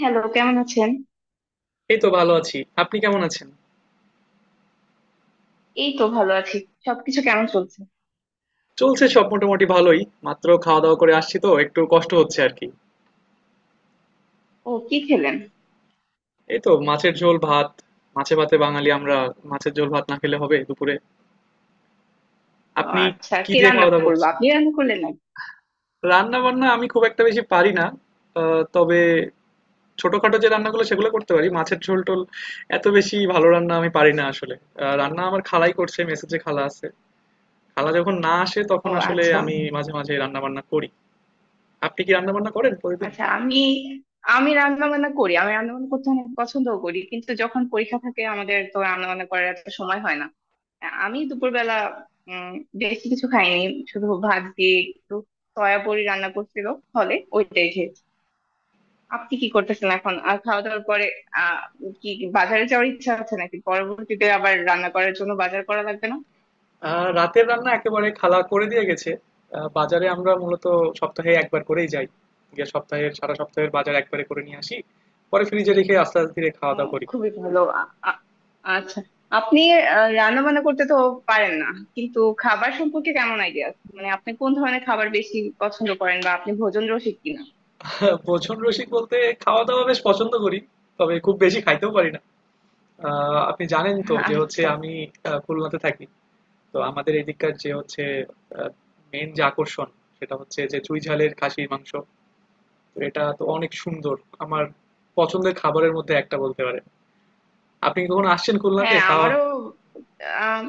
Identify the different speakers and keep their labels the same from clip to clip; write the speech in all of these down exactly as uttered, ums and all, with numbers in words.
Speaker 1: Hello, কেমন আছেন?
Speaker 2: এই তো ভালো আছি। আপনি কেমন আছেন?
Speaker 1: এই তো ভালো আছি। সবকিছু কেমন চলছে?
Speaker 2: চলছে সব মোটামুটি ভালোই। মাত্র খাওয়া-দাওয়া করে আসছি তো একটু কষ্ট হচ্ছে আরকি।
Speaker 1: ও, কি খেলেন?
Speaker 2: এই তো মাছের ঝোল ভাত। মাছে ভাতে বাঙালি আমরা। মাছের ঝোল ভাত না খেলে হবে দুপুরে?
Speaker 1: ও
Speaker 2: আপনি
Speaker 1: আচ্ছা,
Speaker 2: কি
Speaker 1: কে
Speaker 2: দিয়ে
Speaker 1: রান্না
Speaker 2: খাওয়া-দাওয়া
Speaker 1: করলো,
Speaker 2: করছেন?
Speaker 1: আপনি রান্না করলেন নাকি?
Speaker 2: রান্না-বান্না আমি খুব একটা বেশি পারি না। আ তবে ছোটখাটো যে রান্নাগুলো সেগুলো করতে পারি। মাছের ঝোল-টোল এত বেশি ভালো রান্না আমি পারি না আসলে। আ রান্না আমার খালাই করছে, মেসে যে খালা আছে। খালা যখন না আসে তখন
Speaker 1: ও
Speaker 2: আসলে
Speaker 1: আচ্ছা।
Speaker 2: আমি মাঝে, মাঝে রান্না-বান্না করি। আপনি কি রান্না-বান্না করেন প্রতিদিন?
Speaker 1: আচ্ছা আমি আমি রান্না বান্না করি, আমি রান্না বান্না করতে অনেক পছন্দও করি, কিন্তু যখন পরীক্ষা থাকে, আমাদের তো রান্না বান্না করার এত সময় হয় না। আমি দুপুরবেলা উম বেশি কিছু খাইনি, শুধু ভাত দিয়ে একটু সয়াবড়ি রান্না করছিল, ফলে ওইটাই খেয়েছি। আপনি কি করতেছেন এখন, আর খাওয়া দাওয়ার পরে আহ কি কি বাজারে যাওয়ার ইচ্ছা আছে নাকি, পরবর্তীতে আবার রান্না করার জন্য বাজার করা লাগবে না?
Speaker 2: আহ রাতের রান্না একেবারে খালা করে দিয়ে গেছে। আহ, বাজারে আমরা মূলত সপ্তাহে একবার করেই যাই, গিয়ে সপ্তাহের সারা সপ্তাহের বাজার একবারে করে নিয়ে আসি, পরে ফ্রিজে রেখে আস্তে আস্তে ধীরে খাওয়া
Speaker 1: ও,
Speaker 2: দাওয়া করি।
Speaker 1: খুবই ভালো। আ- আ- আচ্ছা, আপনি রান্না বান্না করতে তো পারেন না, কিন্তু খাবার সম্পর্কে কেমন আইডিয়া আছে, মানে আপনি কোন ধরনের খাবার বেশি পছন্দ করেন, বা আপনি ভোজন রসিক কিনা?
Speaker 2: ভোজন রসিক বলতে খাওয়া দাওয়া বেশ পছন্দ করি, তবে খুব বেশি খাইতেও পারি না। আহ, আপনি জানেন তো যে হচ্ছে
Speaker 1: আচ্ছা।
Speaker 2: আমি আহ, খুলনাতে থাকি। তো আমাদের এদিককার যে হচ্ছে মেন যে আকর্ষণ, সেটা হচ্ছে যে চুই ঝালের খাসির মাংস। তো এটা তো অনেক সুন্দর আমার পছন্দের খাবারের মধ্যে একটা বলতে পারে। আপনি কি কখনো আসছেন খুলনাতে
Speaker 1: হ্যাঁ,
Speaker 2: খাওয়া?
Speaker 1: আমারও আম,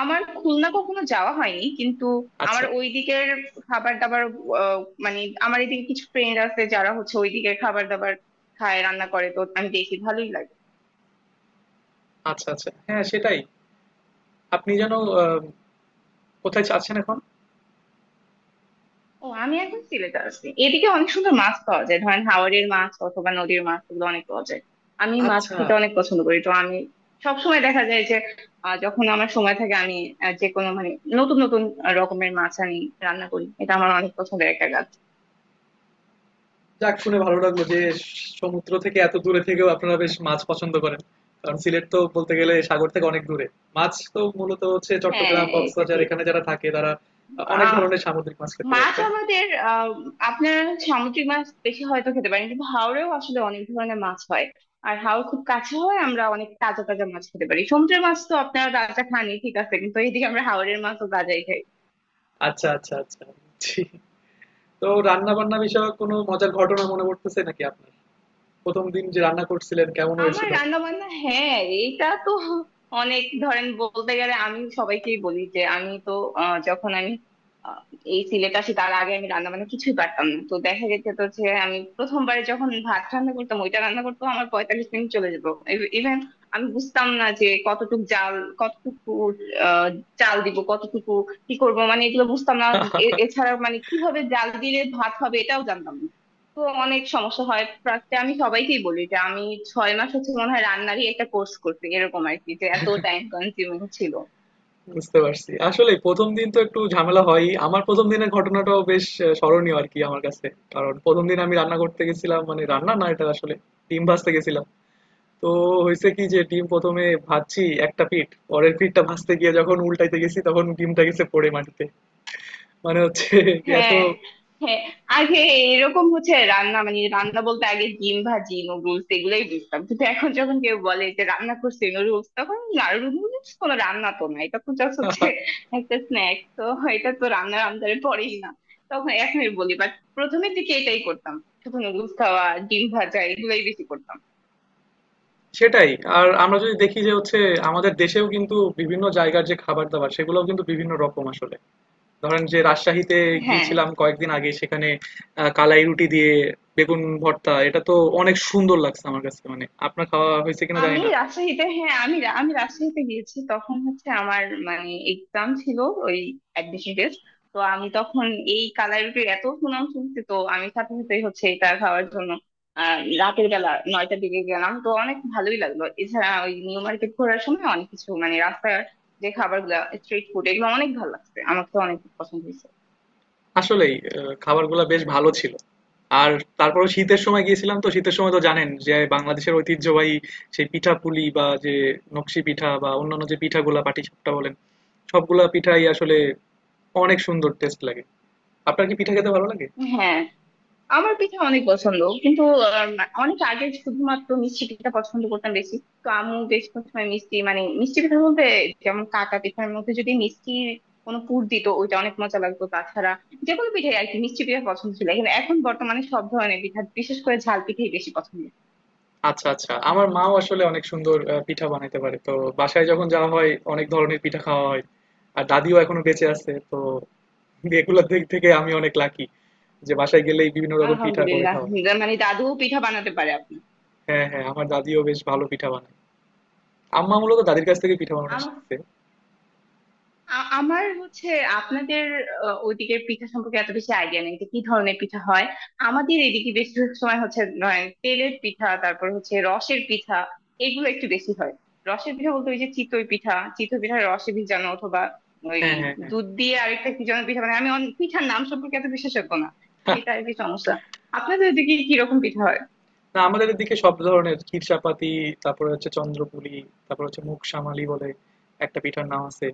Speaker 1: আমার খুলনা কখনো যাওয়া হয়নি, কিন্তু আমার
Speaker 2: আচ্ছা,
Speaker 1: ওই দিকের খাবার দাবার আহ, মানে আমার এদিকে কিছু ফ্রেন্ড আছে যারা হচ্ছে ওই দিকের খাবার দাবার খায়, রান্না করে, তো আমি দেখি ভালোই লাগে।
Speaker 2: আচ্ছা, আচ্ছা। হ্যাঁ, সেটাই। আপনি যেন আ কোথায় যাচ্ছেন এখন?
Speaker 1: ও, আমি এখন সিলেটে আছি, এদিকে অনেক সুন্দর মাছ পাওয়া যায়, ধরেন হাওরের মাছ অথবা নদীর মাছ, এগুলো অনেক পাওয়া যায়। আমি মাছ
Speaker 2: আচ্ছা।
Speaker 1: খেতে অনেক পছন্দ করি, তো আমি সবসময় দেখা যায় যে আহ, যখন আমার সময় থাকে, আমি আহ, যে কোনো মানে নতুন নতুন আহ, রকমের মাছ আমি রান্না করি, এটা আমার অনেক পছন্দের একটা কাজ।
Speaker 2: যাক, শুনে ভালো লাগলো যে সমুদ্র থেকে এত দূরে থেকেও আপনারা বেশ মাছ পছন্দ করেন। কারণ সিলেট তো বলতে গেলে সাগর থেকে অনেক দূরে। মাছ তো মূলত হচ্ছে
Speaker 1: হ্যাঁ,
Speaker 2: চট্টগ্রাম,
Speaker 1: এটা
Speaker 2: কক্সবাজার
Speaker 1: ঠিক।
Speaker 2: এখানে যারা থাকে তারা আ অনেক
Speaker 1: আহ
Speaker 2: ধরনের সামুদ্রিক মাছ খেতে পারে,
Speaker 1: মাছ
Speaker 2: তাই না?
Speaker 1: আমাদের আহ আপনারা সামুদ্রিক মাছ বেশি হয়তো খেতে পারেন, কিন্তু হাওরেও আসলে অনেক ধরনের মাছ হয়। আর হাওর খুব কাছে হয়, আমরা অনেক তাজা তাজা মাছ খেতে পারি। সমুদ্রের মাছ তো আপনারা তাজা খানই, ঠিক আছে, কিন্তু এইদিকে আমরা হাওরের মাছও তাজাই খাই।
Speaker 2: আচ্ছা, আচ্ছা, আচ্ছা। জি। তো রান্না-বান্না বিষয়ক কোনো মজার ঘটনা মনে পড়তেছে নাকি আপনার? ১ম দিন যে রান্না করছিলেন কেমন
Speaker 1: আমার
Speaker 2: হয়েছিল?
Speaker 1: রান্না বান্না, হ্যাঁ এইটা তো অনেক, ধরেন বলতে গেলে আমি সবাইকেই বলি যে আমি তো আহ, যখন আমি আহ, এই সিলেট আসি, তার আগে আমি রান্না বান্না কিছুই পারতাম না। তো দেখা গেছে তো যে আমি প্রথমবারে যখন ভাত রান্না করতাম, ওইটা রান্না করতাম আমার পঁয়তাল্লিশ মিনিট চলে যেত। ইভেন আমি বুঝতাম না যে কতটুকু জাল, কতটুকু আহ, চাল দিব, কতটুকু কি করব, মানে এগুলো বুঝতাম না। এ- এছাড়া মানে কিভাবে জাল দিলে ভাত হবে এটাও জানতাম না। তো অনেক সমস্যা হয়, প্রায় আমি সবাইকেই বলি যে আমি ছয় মাস হচ্ছে মনে হয় রান্নারই একটা কোর্স করছি এরকম আর কি, যে এত টাইম কনজিউমিং ছিল।
Speaker 2: বুঝতে পারছি। আসলেই প্রথম দিন তো একটু ঝামেলা হয়ই। আমার প্রথম দিনের ঘটনাটাও বেশ আ স্মরণীয় আরকি আমার কাছে। কারণ প্রথম দিন আমি রান্না করতে গেছিলাম, মানে রান্না না, এটা আসলে ডিম ভাজতে গেছিলাম। তো হইছে কি, যে ডিম প্রথম এ ভাজছি একটা পিঠ, পরের পিঠটা ভাজতে গিয়ে যখন উল্টাইতে গেছি তখন ডিমটা গেছে পড়ে মাটিতে। মানে হচ্ছে এত
Speaker 1: হ্যাঁ, হ্যাঁ। আগে এরকম হচ্ছে রান্না, মানে রান্না বলতে আগে ডিম ভাজি, নুডলস, এগুলোই বুঝতাম। কিন্তু এখন যখন কেউ বলে যে রান্না করছি নুডলস, তখন নুডলস কোনো রান্না তো না, এটা তো জাস্ট হচ্ছে একটা স্ন্যাক্স তো, এটা তো রান্নার আন্দারে পড়েই না, তখন এখনই বলি। বাট প্রথমের দিকে এটাই করতাম, শুধু নুডলস খাওয়া, ডিম ভাজা, এগুলোই বেশি করতাম।
Speaker 2: সেটাই। আর আমরা যদি দেখি যে হচ্ছে আমাদের দেশেও কিন্তু বিভিন্ন জায়গার যে খাবার-দাবার সেগুলোও কিন্তু বিভিন্ন রকম আসলে। ধরেন যে রাজশাহীতে
Speaker 1: হ্যাঁ,
Speaker 2: গিয়েছিলাম কয়েকদিন আগে, সেখানে আহ, কালাই রুটি দিয়ে বেগুন ভর্তা, এটা তো অনেক সুন্দর লাগছে আমার কাছে। মানে আপনার খাওয়া হয়েছে কিনা জানি
Speaker 1: আমি
Speaker 2: না।
Speaker 1: রাজশাহীতে হ্যাঁ আমি রা- আমি রাজশাহীতে গিয়েছি, তখন হচ্ছে আমার মানে এক্সাম ছিল, ওই অ্যাডমিশন টেস্ট। তো আমি তখন এই কালাই রুটির এত সুনাম শুনছি, তো আমি সাথে সাথেই হচ্ছে এটা খাওয়ার জন্য আহ রাতের বেলা নয়টার দিকে গেলাম, তো অনেক ভালোই লাগলো। এছাড়া ওই নিউ মার্কেট ঘোরার সময় অনেক কিছু, মানে রাস্তার যে খাবার গুলা, স্ট্রিট ফুড, এগুলো অনেক ভালো লাগছে আমার, তো অনেক পছন্দ হয়েছে।
Speaker 2: আসলেই আহ, খাবারগুলো বেশ ভালো ছিল। আর তারপরে শীতের সময় গিয়েছিলাম, তো শীতের সময় তো জানেন যে বাংলাদেশের ঐতিহ্যবাহী সেই পিঠা পুলি, বা যে নকশি পিঠা, বা অন্যান্য যে পিঠাগুলা পাটিসাপটা বলেন, সবগুলা পিঠাই আসলে অনেক সুন্দর টেস্ট লাগে। আপনার কি পিঠা খেতে ভালো লাগে?
Speaker 1: হ্যাঁ, আমার পিঠা অনেক পছন্দ, কিন্তু আহ, অনেক আগে শুধুমাত্র মিষ্টি পিঠা পছন্দ করতাম বেশি। তো আম্মু বেশ কিছু সময় মিষ্টি, মানে মিষ্টি পিঠার মধ্যে যেমন কাকা পিঠার মধ্যে যদি মিষ্টি কোনো পুর দিত, ওইটা অনেক মজা লাগতো। তাছাড়া যে কোনো পিঠাই আর কি, মিষ্টি পিঠা পছন্দ ছিল, কিন্তু এখন বর্তমানে সব ধরনের পিঠা, বিশেষ করে ঝাল পিঠাই বেশি পছন্দ।
Speaker 2: আচ্ছা, আচ্ছা। আমার মাও আসলে অনেক সুন্দর আ পিঠা বানাইতে পারে। তো বাসায় যখন যাওয়া হয় অনেক ধরনের পিঠা খাওয়া হয়। আর দাদিও এখনো বেঁচে আছে। তো এগুলোর দিক থেকে আমি অনেক লাকি যে বাসায় গেলেই বিভিন্ন রকম পিঠা করে
Speaker 1: আলহামদুলিল্লাহ,
Speaker 2: খাওয়া হয়।
Speaker 1: মানে দাদুও পিঠা বানাতে পারে?
Speaker 2: হ্যাঁ, হ্যাঁ, আমার দাদিও বেশ ভালো পিঠা বানায়। আম্মা মূলত দাদির কাছ থেকে পিঠা বানানো
Speaker 1: আপনার
Speaker 2: শিখছে।
Speaker 1: আ- আমার হচ্ছে আপনাদের আহ, ওইদিকের পিঠা সম্পর্কে এত বেশি আইডিয়া নেই, যে কি ধরনের পিঠা হয়। আমাদের এদিকে বেশিরভাগ সময় হচ্ছে নয় তেলের পিঠা, তারপর হচ্ছে রসের পিঠা, এগুলো একটু বেশি হয়। রসের পিঠা বলতে ওই যে চিতই পিঠা চিতই পিঠা রসে ভিজানো, অথবা ওই
Speaker 2: হ্যাঁ, হ্যাঁ, হ্যাঁ।
Speaker 1: দুধ দিয়ে আরেকটা কি যেন পিঠা, মানে আমি অন- পিঠার নাম সম্পর্কে এত বিশেষজ্ঞ না,
Speaker 2: হা,
Speaker 1: এটা আর কি সমস্যা। আপনাদের ওইদিকে কিরকম পিঠা হয়?
Speaker 2: না আমাদের এদিকে সব ধরনের ক্ষীরসাপাতি, তারপরে হচ্ছে চন্দ্রপুলি, তারপরে হচ্ছে মুগশামালি বলে একটা পিঠার নাম আছে।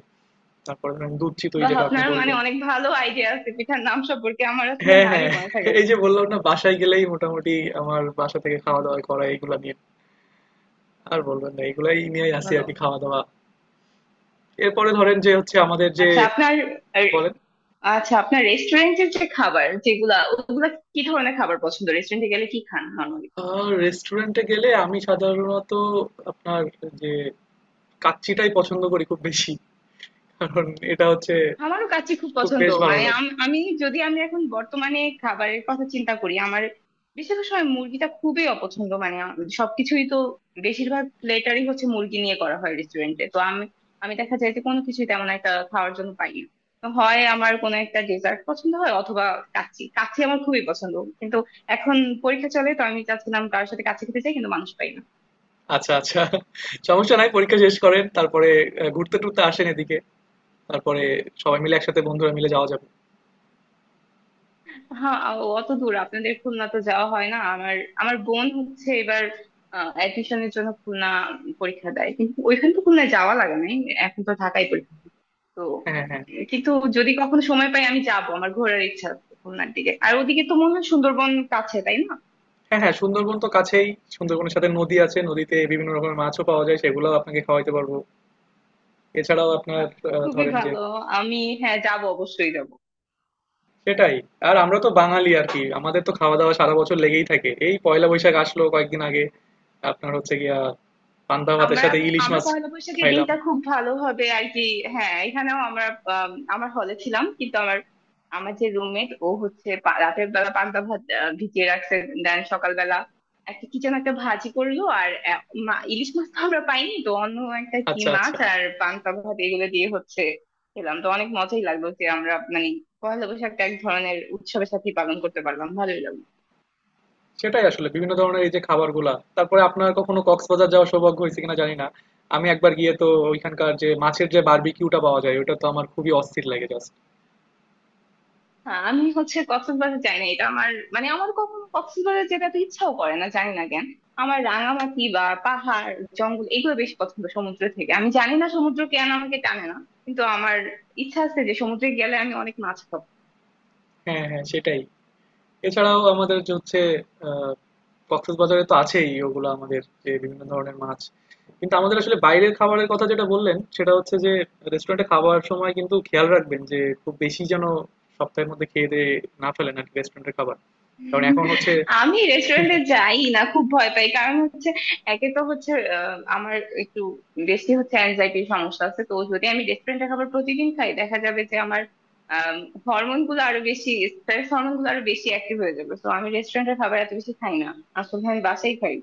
Speaker 2: তারপরে ধরেন দুধ
Speaker 1: বা
Speaker 2: চিতই, যেটা আপনি
Speaker 1: আপনার মানে
Speaker 2: বললেন।
Speaker 1: অনেক ভালো আইডিয়া আছে পিঠার নাম সম্পর্কে, আমার আসলে
Speaker 2: হ্যাঁ,
Speaker 1: নামই
Speaker 2: হ্যাঁ।
Speaker 1: মনে থাকে না।
Speaker 2: এই যে বললাম না বাসায় গেলেই মোটামুটি আমার বাসা থেকে খাওয়া দাওয়া করা এগুলা নিয়ে। আর বলবেন না, এগুলাই নিয়েই
Speaker 1: খুব
Speaker 2: আছি
Speaker 1: ভালো।
Speaker 2: আরকি, খাওয়া দাওয়া। এরপরে ধরেন যে হচ্ছে আমাদের যে
Speaker 1: আচ্ছা আপনার
Speaker 2: বলেন
Speaker 1: আচ্ছা, আপনার রেস্টুরেন্টের যে খাবার, যেগুলা ওগুলা কি ধরনের খাবার পছন্দ, রেস্টুরেন্টে গেলে কি খান নরমালি?
Speaker 2: আহ রেস্টুরেন্টে গেলে আমি সাধারণত আপনার যে কাচ্চিটাই পছন্দ করি খুব বেশি। কারণ এটা হচ্ছে
Speaker 1: আমারও কাচ্চি খুব
Speaker 2: খুব
Speaker 1: পছন্দ,
Speaker 2: বেশ ভালো
Speaker 1: মানে
Speaker 2: লাগে।
Speaker 1: আম- আমি যদি, আমি এখন বর্তমানে খাবারের কথা চিন্তা করি, আমার বেশিরভাগ সময় মুরগিটা খুবই অপছন্দ, মানে আম- সবকিছুই তো বেশিরভাগ প্লেটারই হচ্ছে মুরগি নিয়ে করা হয় রেস্টুরেন্টে, তো আমি আমি দেখা যায় যে কোনো কিছুই তেমন একটা খাওয়ার জন্য পাই না। তো হয় আমার কোনো একটা ডেজার্ট পছন্দ হয়, অথবা কাচ্চি, কাচ্চি আমার খুবই পছন্দ। কিন্তু এখন পরীক্ষা চলে, তো আমি চাচ্ছিলাম কারোর সাথে কাচ্চি খেতে চাই, কিন্তু মানুষ পাই না।
Speaker 2: আচ্ছা, আচ্ছা। সমস্যা নাই, পরীক্ষা শেষ করেন। তারপরে আ ঘুরতে-টুরতে আসেন এদিকে। তারপরে সবাই মিলে একসাথে বন্ধুরা মিলে যাওয়া যাবে।
Speaker 1: হ্যাঁ, আ- অত দূর আপনাদের খুলনা তো যাওয়া হয় না আমার। আমার বোন হচ্ছে এবার অ্যাডমিশনের জন্য খুলনা পরীক্ষা দেয়, কিন্তু ওইখান তো খুলনায় যাওয়া লাগে নাই, এখন তো ঢাকায় পরীক্ষা হয়। তো
Speaker 2: হ্যাঁ, হ্যাঁ। হ্যাঁ।
Speaker 1: উম, কিন্তু যদি কখনো সময় পাই আমি যাব, আমার ঘোরার ইচ্ছা আছে খুলনার দিকে। আর ওদিকে তো মনে হয় সুন্দরবন কাছে, তাই না?
Speaker 2: হ্যাঁ, হ্যাঁ, সুন্দরবন তো কাছেই। সুন্দরবনের সাথে নদী আছে। নদীতে বিভিন্ন রকমের মাছও পাওয়া যায়। সেগুলাও আপনাকে খাওয়াইতে পারবো। এছাড়াও আপনার
Speaker 1: হ্যাঁ,
Speaker 2: আহ,
Speaker 1: খুবই
Speaker 2: ধরেন যে
Speaker 1: ভালো। আমি হ্যাঁ, যাব, অবশ্যই যাব।
Speaker 2: সেটাই। আর আমরা তো বাঙালি আর কি। আমাদের তো খাওয়া দাওয়া সারা বছর লেগেই থাকে। এই পয়লা বৈশাখ আসলো কয়েকদিন আগে। আপনার হচ্ছে গিয়া পান্তা ভাতের
Speaker 1: আমরা
Speaker 2: সাথে ইলিশ
Speaker 1: আমরা
Speaker 2: মাছ
Speaker 1: পয়লা বৈশাখের
Speaker 2: খাইলাম।
Speaker 1: দিনটা খুব ভালোভাবে আর কি, হ্যাঁ এখানেও আমরা, আম, আমার হলে ছিলাম, কিন্তু আমার আমার যে রুমমেট ও হচ্ছে পা- রাতের বেলা পান্তা ভাত আহ, ভিজিয়ে রাখছে, দেন সকালবেলা একটা কি যেন একটা ভাজি করলো, আর আহ, মা- ইলিশ মাছ তো আমরা পাইনি, তো অন্য একটা কি
Speaker 2: আচ্ছা,
Speaker 1: মাছ
Speaker 2: আচ্ছা।
Speaker 1: আর পান্তা ভাত এগুলো দিয়ে হচ্ছে খেলাম, তো অনেক মজাই লাগলো যে আমরা মানে পয়লা বৈশাখটা এক ধরনের উৎসবের সাথে পালন করতে পারলাম, ভালোই লাগলো।
Speaker 2: সেটাই, আসলে বিভিন্ন ধরনের এই যে খাবারগুলা। তারপরে আপনার কখনো কক্সবাজার যাওয়ার সৌভাগ্য হয়েছে কিনা জানি না। আমি একবার গিয়ে তো ওইখানকার যে মাছের যে বারবিকিউটা পাওয়া যায় ওটা তো আমার খুবই অস্থির লাগে জাস্ট।
Speaker 1: হ্যাঁ, আমি হচ্ছে কক্সবাজার যাই না, এটা আমার মানে আমার কখনো কক্সবাজার যেতে তো ইচ্ছাও করে না, জানি না কেন। আমার রাঙামাটি বা পাহাড়, জঙ্গল, এগুলো বেশি পছন্দ। সমুদ্র থেকে আমি জানি না সমুদ্র কেন আমাকে টানে না, কিন্তু আমার ইচ্ছা আছে যে সমুদ্রে গেলে আমি অনেক মাছ খাবো।
Speaker 2: হ্যাঁ, হ্যাঁ, সেটাই। এছাড়াও আমাদের যে হচ্ছে আহ, কক্সবাজারে তো আছেই ওগুলো আমাদের যে বিভিন্ন ধরনের মাছ। কিন্তু আমাদের আসলে বাইরের খাবারের কথা যেটা বললেন সেটা হচ্ছে যে রেস্টুরেন্টে খাওয়ার সময় কিন্তু খেয়াল রাখবেন যে খুব বেশি যেন সপ্তাহের মধ্যে খেয়ে দিয়ে না ফেলেন আর কি রেস্টুরেন্টের খাবার, কারণ এখন হচ্ছে
Speaker 1: আমি রেস্টুরেন্টে যাই না, খুব ভয় পাই, কারণ হচ্ছে একে তো হচ্ছে আহ, আমার একটু বেশি হচ্ছে অ্যাংজাইটির সমস্যা আছে, তো যদি আমি রেস্টুরেন্টে খাবার প্রতিদিন খাই, দেখা যাবে যে আমার হরমোন গুলো আরো বেশি, স্ট্রেস হরমোন গুলো আরো বেশি অ্যাক্টিভ হয়ে যাবে, তো আমি রেস্টুরেন্টের খাবার এত বেশি খাই না আসলে, আমি বাসাই খাই।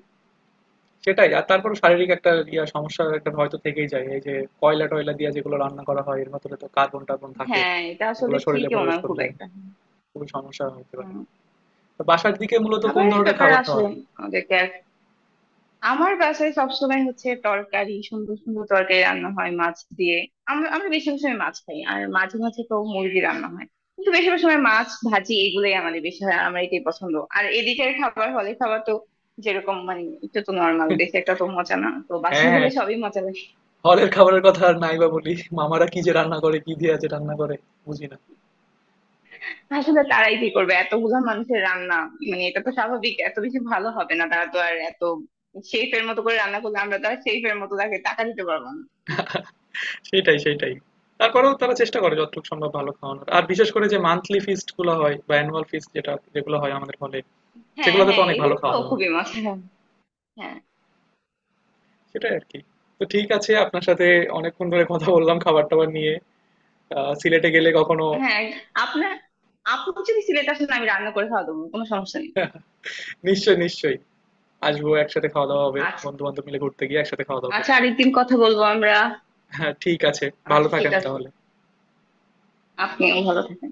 Speaker 2: সেটাই। আর তারপর শারীরিক একটা ইয়া সমস্যা, একটা ভয় তো থেকেই যায় এই যে কয়লা টয়লা দিয়ে যেগুলো রান্না করা হয় এর ভেতরে তো কার্বন টার্বন থাকে,
Speaker 1: হ্যাঁ, এটা আসলে
Speaker 2: এগুলো শরীরে
Speaker 1: ঠিকই,
Speaker 2: প্রবেশ
Speaker 1: ওনার খুব
Speaker 2: করলে
Speaker 1: একটা।
Speaker 2: খুবই সমস্যা হতে পারে।
Speaker 1: হুম।
Speaker 2: তো বাসার দিকে মূলত কোন
Speaker 1: খাবারের
Speaker 2: ধরনের
Speaker 1: ব্যাপারে
Speaker 2: খাবার খাওয়া
Speaker 1: আসলে
Speaker 2: হয়?
Speaker 1: আমাদেরকে, আমার বাসায় সবসময় হচ্ছে তরকারি, সুন্দর সুন্দর তরকারি রান্না হয় মাছ দিয়ে। আমরা আমরা বেশিরভাগ সময় মাছ খাই, আর মাঝে মাঝে তো মুরগি রান্না হয়, কিন্তু বেশিরভাগ সময় মাছ ভাজি এগুলোই আমাদের বেশি হয়, আমার এটাই পছন্দ। আর এদিকের খাবার, হলে খাবার তো যেরকম, মানে এটা তো নর্মাল, দেশে একটা তো মজা না, তো
Speaker 2: হ্যাঁ,
Speaker 1: বাসায়
Speaker 2: হ্যাঁ।
Speaker 1: গেলে সবই মজা লাগে।
Speaker 2: হলের খাবারের কথা আর নাই বা বলি। মামারা কি যে রান্না করে, কি দিয়ে যে রান্না করে, বুঝি না।
Speaker 1: আসলে তারাই কি করবে, এতগুলা মানুষের রান্না, মানে এটা তো স্বাভাবিক এত বেশি ভালো হবে না, তারা তো আর এত শেফের মতো করে রান্না করলে আমরা তো আর শেফের মতো তাকে টাকা দিতে পারবো না।
Speaker 2: সেটাই, সেটাই। তারপরেও তারা চেষ্টা করে যতটুকু সম্ভব ভালো খাওয়ানোর। আর বিশেষ করে যে মান্থলি ফিস্ট গুলো হয় বা অ্যানুয়াল ফিস্ট যেটা যেগুলো হয় আমাদের হলে,
Speaker 1: হ্যাঁ,
Speaker 2: সেগুলোতে তো
Speaker 1: হ্যাঁ,
Speaker 2: অনেক ভালো
Speaker 1: এগুলো তো
Speaker 2: খাওয়া দাওয়া হয়।
Speaker 1: খুবই মজা। হ্যাঁ,
Speaker 2: সেটাই আর কি। তো ঠিক আছে, আপনার সাথে অনেকক্ষণ ধরে কথা বললাম খাবার টাবার নিয়ে। আহ, সিলেটে গেলে কখনো
Speaker 1: হ্যাঁ, আপনার, আপনি যদি সিলেট আসেন আমি রান্না করে খাওয়া দেবো, কোনো সমস্যা নেই।
Speaker 2: নিশ্চয়ই, নিশ্চয়ই আসবো, একসাথে খাওয়া দাওয়া হবে,
Speaker 1: আচ্ছা,
Speaker 2: বন্ধু বান্ধব মিলে ঘুরতে গিয়ে একসাথে খাওয়া দাওয়া
Speaker 1: আচ্ছা,
Speaker 2: করবো।
Speaker 1: আরেকদিন কথা বলবো আমরা।
Speaker 2: হ্যাঁ ঠিক আছে, ভালো
Speaker 1: আচ্ছা, ঠিক
Speaker 2: থাকেন
Speaker 1: আছে,
Speaker 2: তাহলে।
Speaker 1: আপনিও ভালো থাকেন।